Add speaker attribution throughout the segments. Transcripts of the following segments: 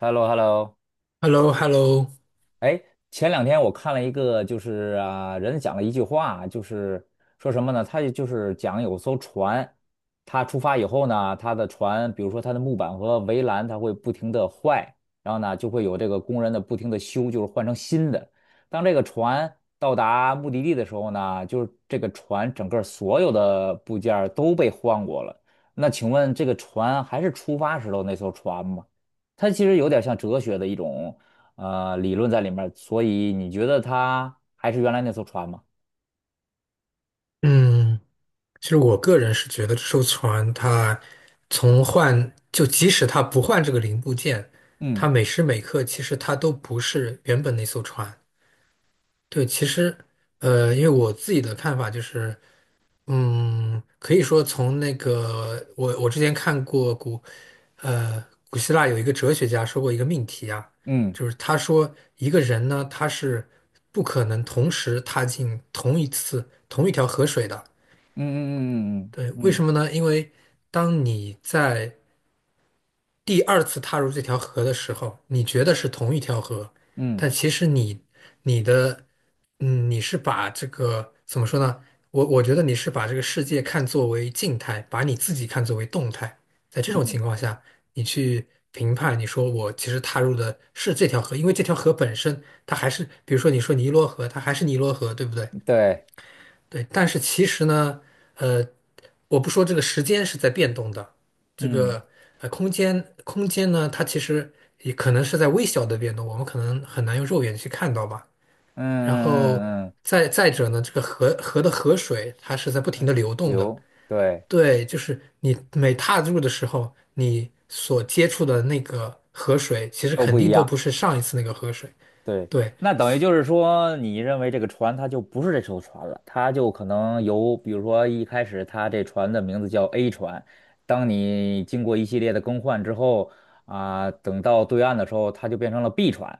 Speaker 1: h e l l o h e l l o
Speaker 2: h e l l o h e l l o
Speaker 1: 哎，前两天我看了一个，就是啊，人讲了一句话，就是说什么呢？他就是讲有艘船，他出发以后呢，他的船，比如说它的木板和围栏，它会不停的坏，然后呢，就会有这个工人的不停的修，就是换成新的。当这个船到达目的地的时候呢，就是这个船整个所有的部件儿都被换过了。那请问这个船还是出发时候那艘船吗？它其实有点像哲学的一种理论在里面儿，所以你觉得它还是原来那艘船吗？
Speaker 2: 嗯，其实我个人是觉得这艘船它从换，就即使它不换这个零部件，它
Speaker 1: 嗯
Speaker 2: 每时每刻其实它都不是原本那艘船。对，其实因为我自己的看法就是，可以说从那个我之前看过古，呃，古希腊有一个哲学家说过一个命题啊，
Speaker 1: 嗯
Speaker 2: 就是他说一个人呢，他是不可能同时踏进同一次同一条河水的。
Speaker 1: 嗯嗯
Speaker 2: 对，
Speaker 1: 嗯
Speaker 2: 为什
Speaker 1: 嗯
Speaker 2: 么呢？因为当你在第二次踏入这条河的时候，你觉得是同一条河，
Speaker 1: 嗯
Speaker 2: 但其实你你的嗯，你是把这个怎么说呢？我觉得你是把这个世界看作为静态，把你自己看作为动态。在这种
Speaker 1: 嗯
Speaker 2: 情况下，你去评判，你说我其实踏入的是这条河，因为这条河本身它还是，比如说你说尼罗河，它还是尼罗河，对不对？
Speaker 1: 嗯，对，
Speaker 2: 对，但是其实呢，呃，我不说这个时间是在变动的，这
Speaker 1: 嗯
Speaker 2: 个空间呢，它其实也可能是在微小的变动，我们可能很难用肉眼去看到吧。
Speaker 1: 嗯
Speaker 2: 然后
Speaker 1: 嗯嗯嗯，
Speaker 2: 再者呢，这个河的河水它是在不停
Speaker 1: 还
Speaker 2: 的流动的，
Speaker 1: 流，对，
Speaker 2: 对，就是你每踏入的时候，你所接触的那个河水，其实
Speaker 1: 都
Speaker 2: 肯
Speaker 1: 不一
Speaker 2: 定都不
Speaker 1: 样。
Speaker 2: 是上一次那个河水。
Speaker 1: 对，
Speaker 2: 对，
Speaker 1: 那等于就是说，你认为这个船它就不是这艘船了，它就可能由，比如说一开始它这船的名字叫 A 船，当你经过一系列的更换之后，啊、等到对岸的时候，它就变成了 B 船。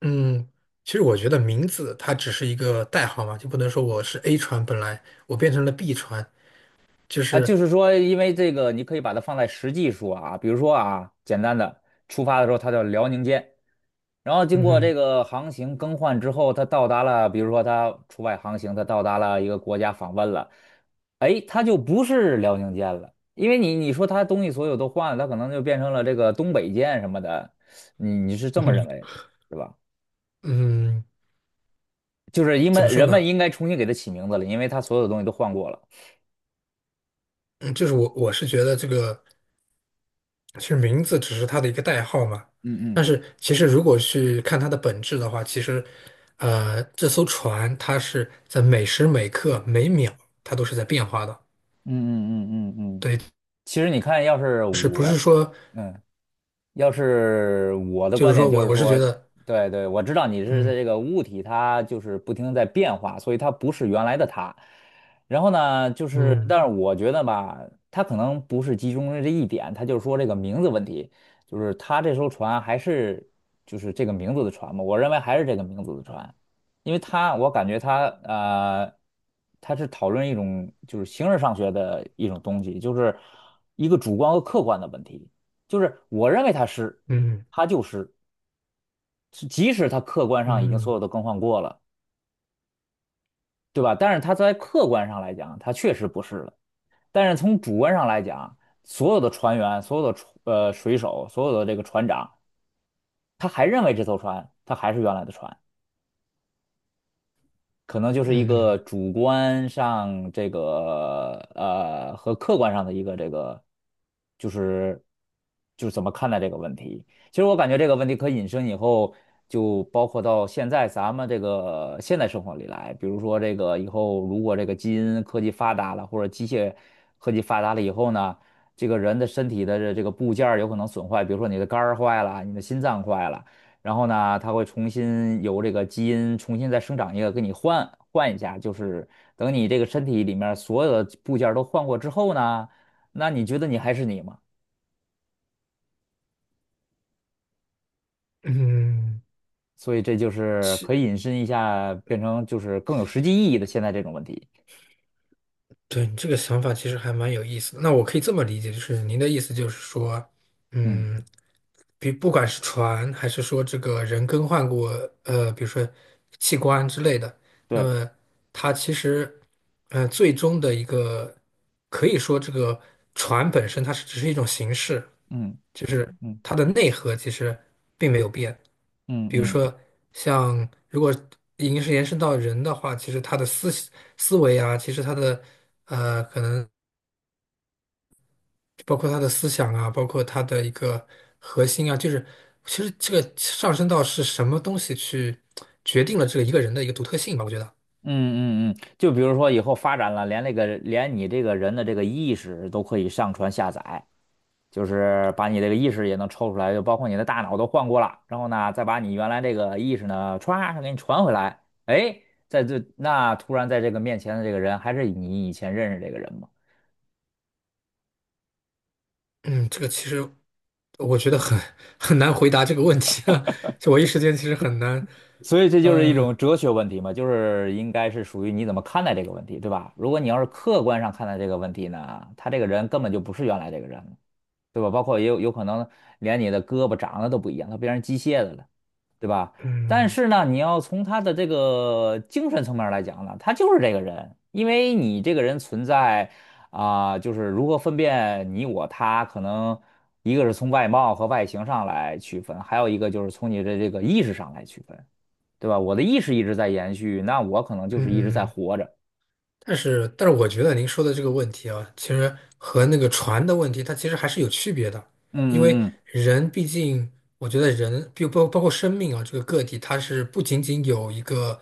Speaker 2: 嗯，其实我觉得名字它只是一个代号嘛，就不能说我是 A 船，本来我变成了 B 船，就
Speaker 1: 啊，就
Speaker 2: 是
Speaker 1: 是说，因为这个，你可以把它放在实际说啊，比如说啊，简单的，出发的时候它叫辽宁舰，然后经
Speaker 2: 嗯
Speaker 1: 过这
Speaker 2: 哼。
Speaker 1: 个航行更换之后，它到达了，比如说它出外航行，它到达了一个国家访问了，哎，它就不是辽宁舰了，因为你说它东西所有都换了，它可能就变成了这个东北舰什么的，你是这
Speaker 2: 嗯
Speaker 1: 么
Speaker 2: 哼。
Speaker 1: 认为，是吧？
Speaker 2: 嗯，
Speaker 1: 就是因
Speaker 2: 怎
Speaker 1: 为
Speaker 2: 么说
Speaker 1: 人们
Speaker 2: 呢？
Speaker 1: 应该重新给它起名字了，因为它所有的东西都换过了。
Speaker 2: 嗯，就是我是觉得这个其实名字只是它的一个代号嘛，
Speaker 1: 嗯
Speaker 2: 但
Speaker 1: 嗯。
Speaker 2: 是其实如果去看它的本质的话，其实这艘船它是在每时每刻每秒它都是在变化的，
Speaker 1: 嗯嗯嗯嗯嗯，
Speaker 2: 对，
Speaker 1: 其实你看，
Speaker 2: 就是不是说
Speaker 1: 嗯，要是我的
Speaker 2: 就
Speaker 1: 观
Speaker 2: 是
Speaker 1: 点
Speaker 2: 说
Speaker 1: 就
Speaker 2: 我
Speaker 1: 是
Speaker 2: 我是觉
Speaker 1: 说，
Speaker 2: 得
Speaker 1: 对对，我知道你是在这个物体，它就是不停地在变化，所以它不是原来的它。然后呢，就是，
Speaker 2: 嗯
Speaker 1: 但是我觉得吧，它可能不是集中于这一点，它就是说这个名字问题，就是它这艘船还是就是这个名字的船嘛，我认为还是这个名字的船，因为它我感觉它它是讨论一种就是形而上学的一种东西，就是一个主观和客观的问题。就是我认为它是，
Speaker 2: 嗯
Speaker 1: 它就湿，是即使它客观
Speaker 2: 嗯
Speaker 1: 上已经
Speaker 2: 嗯
Speaker 1: 所
Speaker 2: 嗯。
Speaker 1: 有都更换过了，对吧？但是它在客观上来讲，它确实不是了。但是从主观上来讲，所有的船员、所有的水手、所有的这个船长，他还认为这艘船它还是原来的船。可能就是一
Speaker 2: 嗯
Speaker 1: 个主观上这个和客观上的一个这个，就是就是怎么看待这个问题。其实我感觉这个问题可引申以后，就包括到现在咱们这个现代生活里来，比如说这个以后如果这个基因科技发达了，或者机械科技发达了以后呢，这个人的身体的这个部件儿有可能损坏，比如说你的肝儿坏了，你的心脏坏了。然后呢，它会重新由这个基因重新再生长一个，给你换换一下，就是等你这个身体里面所有的部件儿都换过之后呢，那你觉得你还是你吗？
Speaker 2: 嗯，
Speaker 1: 所以这就是可以
Speaker 2: 其
Speaker 1: 引申一下，变成就是更有实际意义的现在这种问题。
Speaker 2: 对你这个想法其实还蛮有意思的。那我可以这么理解，就是您的意思就是说，
Speaker 1: 嗯，
Speaker 2: 嗯，比不管是船还是说这个人更换过，比如说器官之类的，那
Speaker 1: 对，
Speaker 2: 么它其实，最终的一个可以说这个船本身它是只是一种形式，
Speaker 1: 嗯
Speaker 2: 就是
Speaker 1: 嗯
Speaker 2: 它的内核其实并没有变。
Speaker 1: 嗯
Speaker 2: 比如
Speaker 1: 嗯
Speaker 2: 说，像如果已经是延伸到人的话，其实他的思维啊，其实他的可能包括他的思想啊，包括他的一个核心啊，就是其实这个上升到是什么东西去决定了这个一个人的一个独特性吧，我觉得。
Speaker 1: 嗯嗯嗯，就比如说以后发展了，连你这个人的这个意识都可以上传下载。就是把你这个意识也能抽出来，就包括你的大脑都换过了，然后呢，再把你原来这个意识呢，歘，给你传回来，哎，在这那突然在这个面前的这个人还是你以前认识这个人吗？
Speaker 2: 嗯，这个其实我觉得很很难回答这个问题啊，就我一时间其实很难，
Speaker 1: 所以这就是一
Speaker 2: 呃，
Speaker 1: 种哲学问题嘛，就是应该是属于你怎么看待这个问题，对吧？如果你要是客观上看待这个问题呢，他这个人根本就不是原来这个人了。对吧？包括也有可能连你的胳膊长得都不一样，它变成机械的了，对吧？但
Speaker 2: 嗯
Speaker 1: 是呢，你要从他的这个精神层面来讲呢，他就是这个人，因为你这个人存在啊、就是如何分辨你我他，可能一个是从外貌和外形上来区分，还有一个就是从你的这个意识上来区分，对吧？我的意识一直在延续，那我可能就是一直在
Speaker 2: 嗯。
Speaker 1: 活着。
Speaker 2: 但是，但是我觉得您说的这个问题啊，其实和那个船的问题，它其实还是有区别的，因为
Speaker 1: 嗯嗯
Speaker 2: 人毕竟，我觉得人，比包括生命啊，这个个体，它是不仅仅有一个，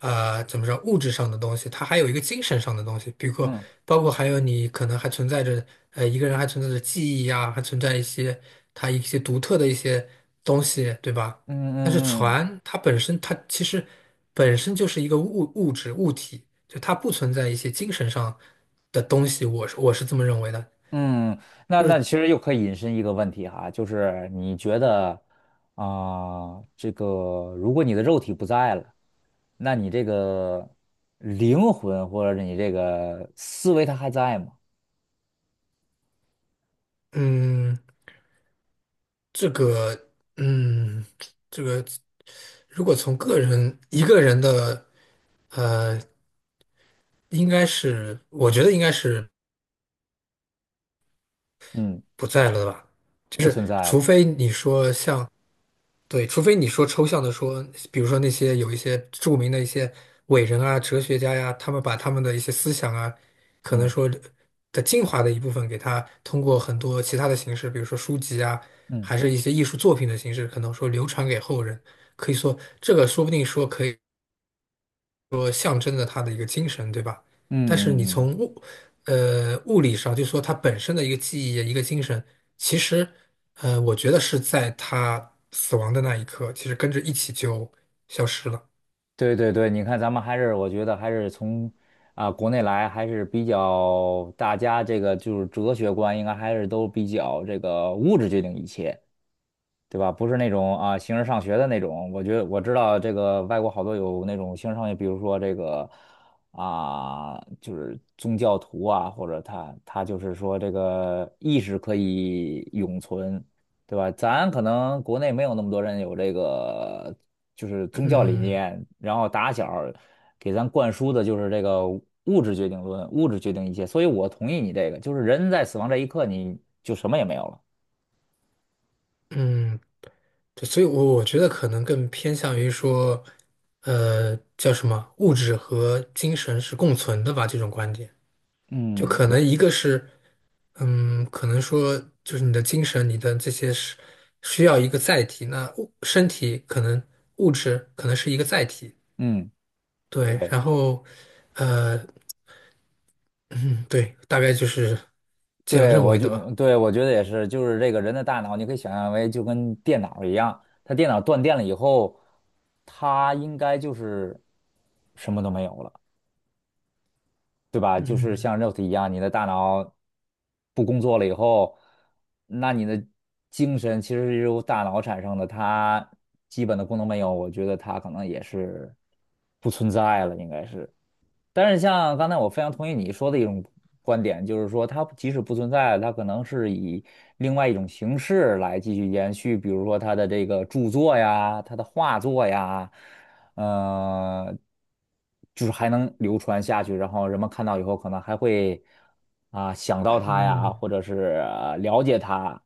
Speaker 2: 怎么说，物质上的东西，它还有一个精神上的东西，比如说，
Speaker 1: 嗯
Speaker 2: 包括还有你可能还存在着，一个人还存在着记忆呀，还存在一些他一些独特的一些东西，对吧？
Speaker 1: 嗯嗯
Speaker 2: 但是
Speaker 1: 嗯嗯嗯。
Speaker 2: 船它本身，它其实本身就是一个物质物体，就它不存在一些精神上的东西，我是这么认为的。
Speaker 1: 嗯，那其实又可以引申一个问题哈，就是你觉得啊、这个如果你的肉体不在了，那你这个灵魂或者你这个思维它还在吗？
Speaker 2: 嗯，这个，嗯，这个，如果从个人一个人的，呃，应该是，我觉得应该是
Speaker 1: 嗯，
Speaker 2: 不在了吧？就
Speaker 1: 不
Speaker 2: 是
Speaker 1: 存在
Speaker 2: 除
Speaker 1: 了。
Speaker 2: 非你说像。对，除非你说抽象的说，比如说那些有一些著名的一些伟人啊、哲学家呀，他们把他们的一些思想啊，可能
Speaker 1: 嗯
Speaker 2: 说的精华的一部分，给他通过很多其他的形式，比如说书籍啊，
Speaker 1: 嗯
Speaker 2: 还是一些艺术作品的形式，可能说流传给后人。可以说，这个说不定说可以。说象征着他的一个精神，对吧？
Speaker 1: 嗯
Speaker 2: 但是你
Speaker 1: 嗯嗯，
Speaker 2: 从物，物理上就说他本身的一个记忆、一个精神，其实，我觉得是在他死亡的那一刻，其实跟着一起就消失了。
Speaker 1: 对对对，你看咱们还是我觉得还是从啊、国内来还是比较大家这个就是哲学观应该还是都比较这个物质决定一切。对吧？不是那种啊形而上学的那种。我觉得我知道这个外国好多有那种形而上学，比如说这个啊，就是宗教徒啊，或者他就是说这个意识可以永存，对吧？咱可能国内没有那么多人有这个就是宗教理
Speaker 2: 嗯
Speaker 1: 念，然后打小儿给咱灌输的就是这个物质决定论，物质决定一切。所以我同意你这个，就是人在死亡这一刻，你就什么也没有了。
Speaker 2: 嗯，对所以我觉得可能更偏向于说，叫什么，物质和精神是共存的吧，这种观点。就可
Speaker 1: 嗯
Speaker 2: 能一个是嗯，可能说就是你的精神，你的这些是需要一个载体。那物身体可能物质可能是一个载体，
Speaker 1: 嗯，
Speaker 2: 对。
Speaker 1: 对。
Speaker 2: 然后，呃，嗯，对，大概就是这样
Speaker 1: 对，
Speaker 2: 认
Speaker 1: 我
Speaker 2: 为的
Speaker 1: 就
Speaker 2: 吧。
Speaker 1: 对我觉得也是，就是这个人的大脑，你可以想象为就跟电脑一样，它电脑断电了以后，它应该就是什么都没有了，对吧？就是
Speaker 2: 嗯
Speaker 1: 像肉体一样，你的大脑不工作了以后，那你的精神其实是由大脑产生的，它基本的功能没有，我觉得它可能也是不存在了，应该是。但是像刚才我非常同意你说的一种观点，就是说它即使不存在，它可能是以另外一种形式来继续延续，比如说它的这个著作呀，它的画作呀，呃，就是还能流传下去，然后人们看到以后可能还会啊、想到它呀，
Speaker 2: 嗯
Speaker 1: 或者是、了解它，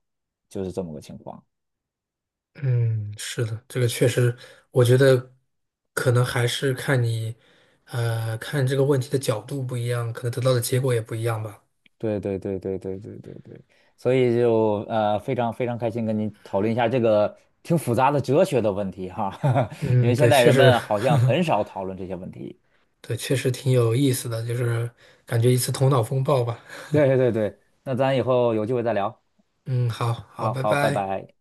Speaker 1: 就是这么个情况。
Speaker 2: 嗯，是的，这个确实，我觉得可能还是看你，看这个问题的角度不一样，可能得到的结果也不一样吧。
Speaker 1: 对对对对对对对对，所以就非常非常开心跟您讨论一下这个挺复杂的哲学的问题哈，因为
Speaker 2: 嗯，
Speaker 1: 现
Speaker 2: 对，
Speaker 1: 在
Speaker 2: 确
Speaker 1: 人
Speaker 2: 实，
Speaker 1: 们好像 很少讨论这些问题。
Speaker 2: 对，确实挺有意思的，就是感觉一次头脑风暴吧。
Speaker 1: 对对对，那咱以后有机会再聊。
Speaker 2: 嗯，好好，
Speaker 1: 好
Speaker 2: 拜
Speaker 1: 好，拜
Speaker 2: 拜。
Speaker 1: 拜。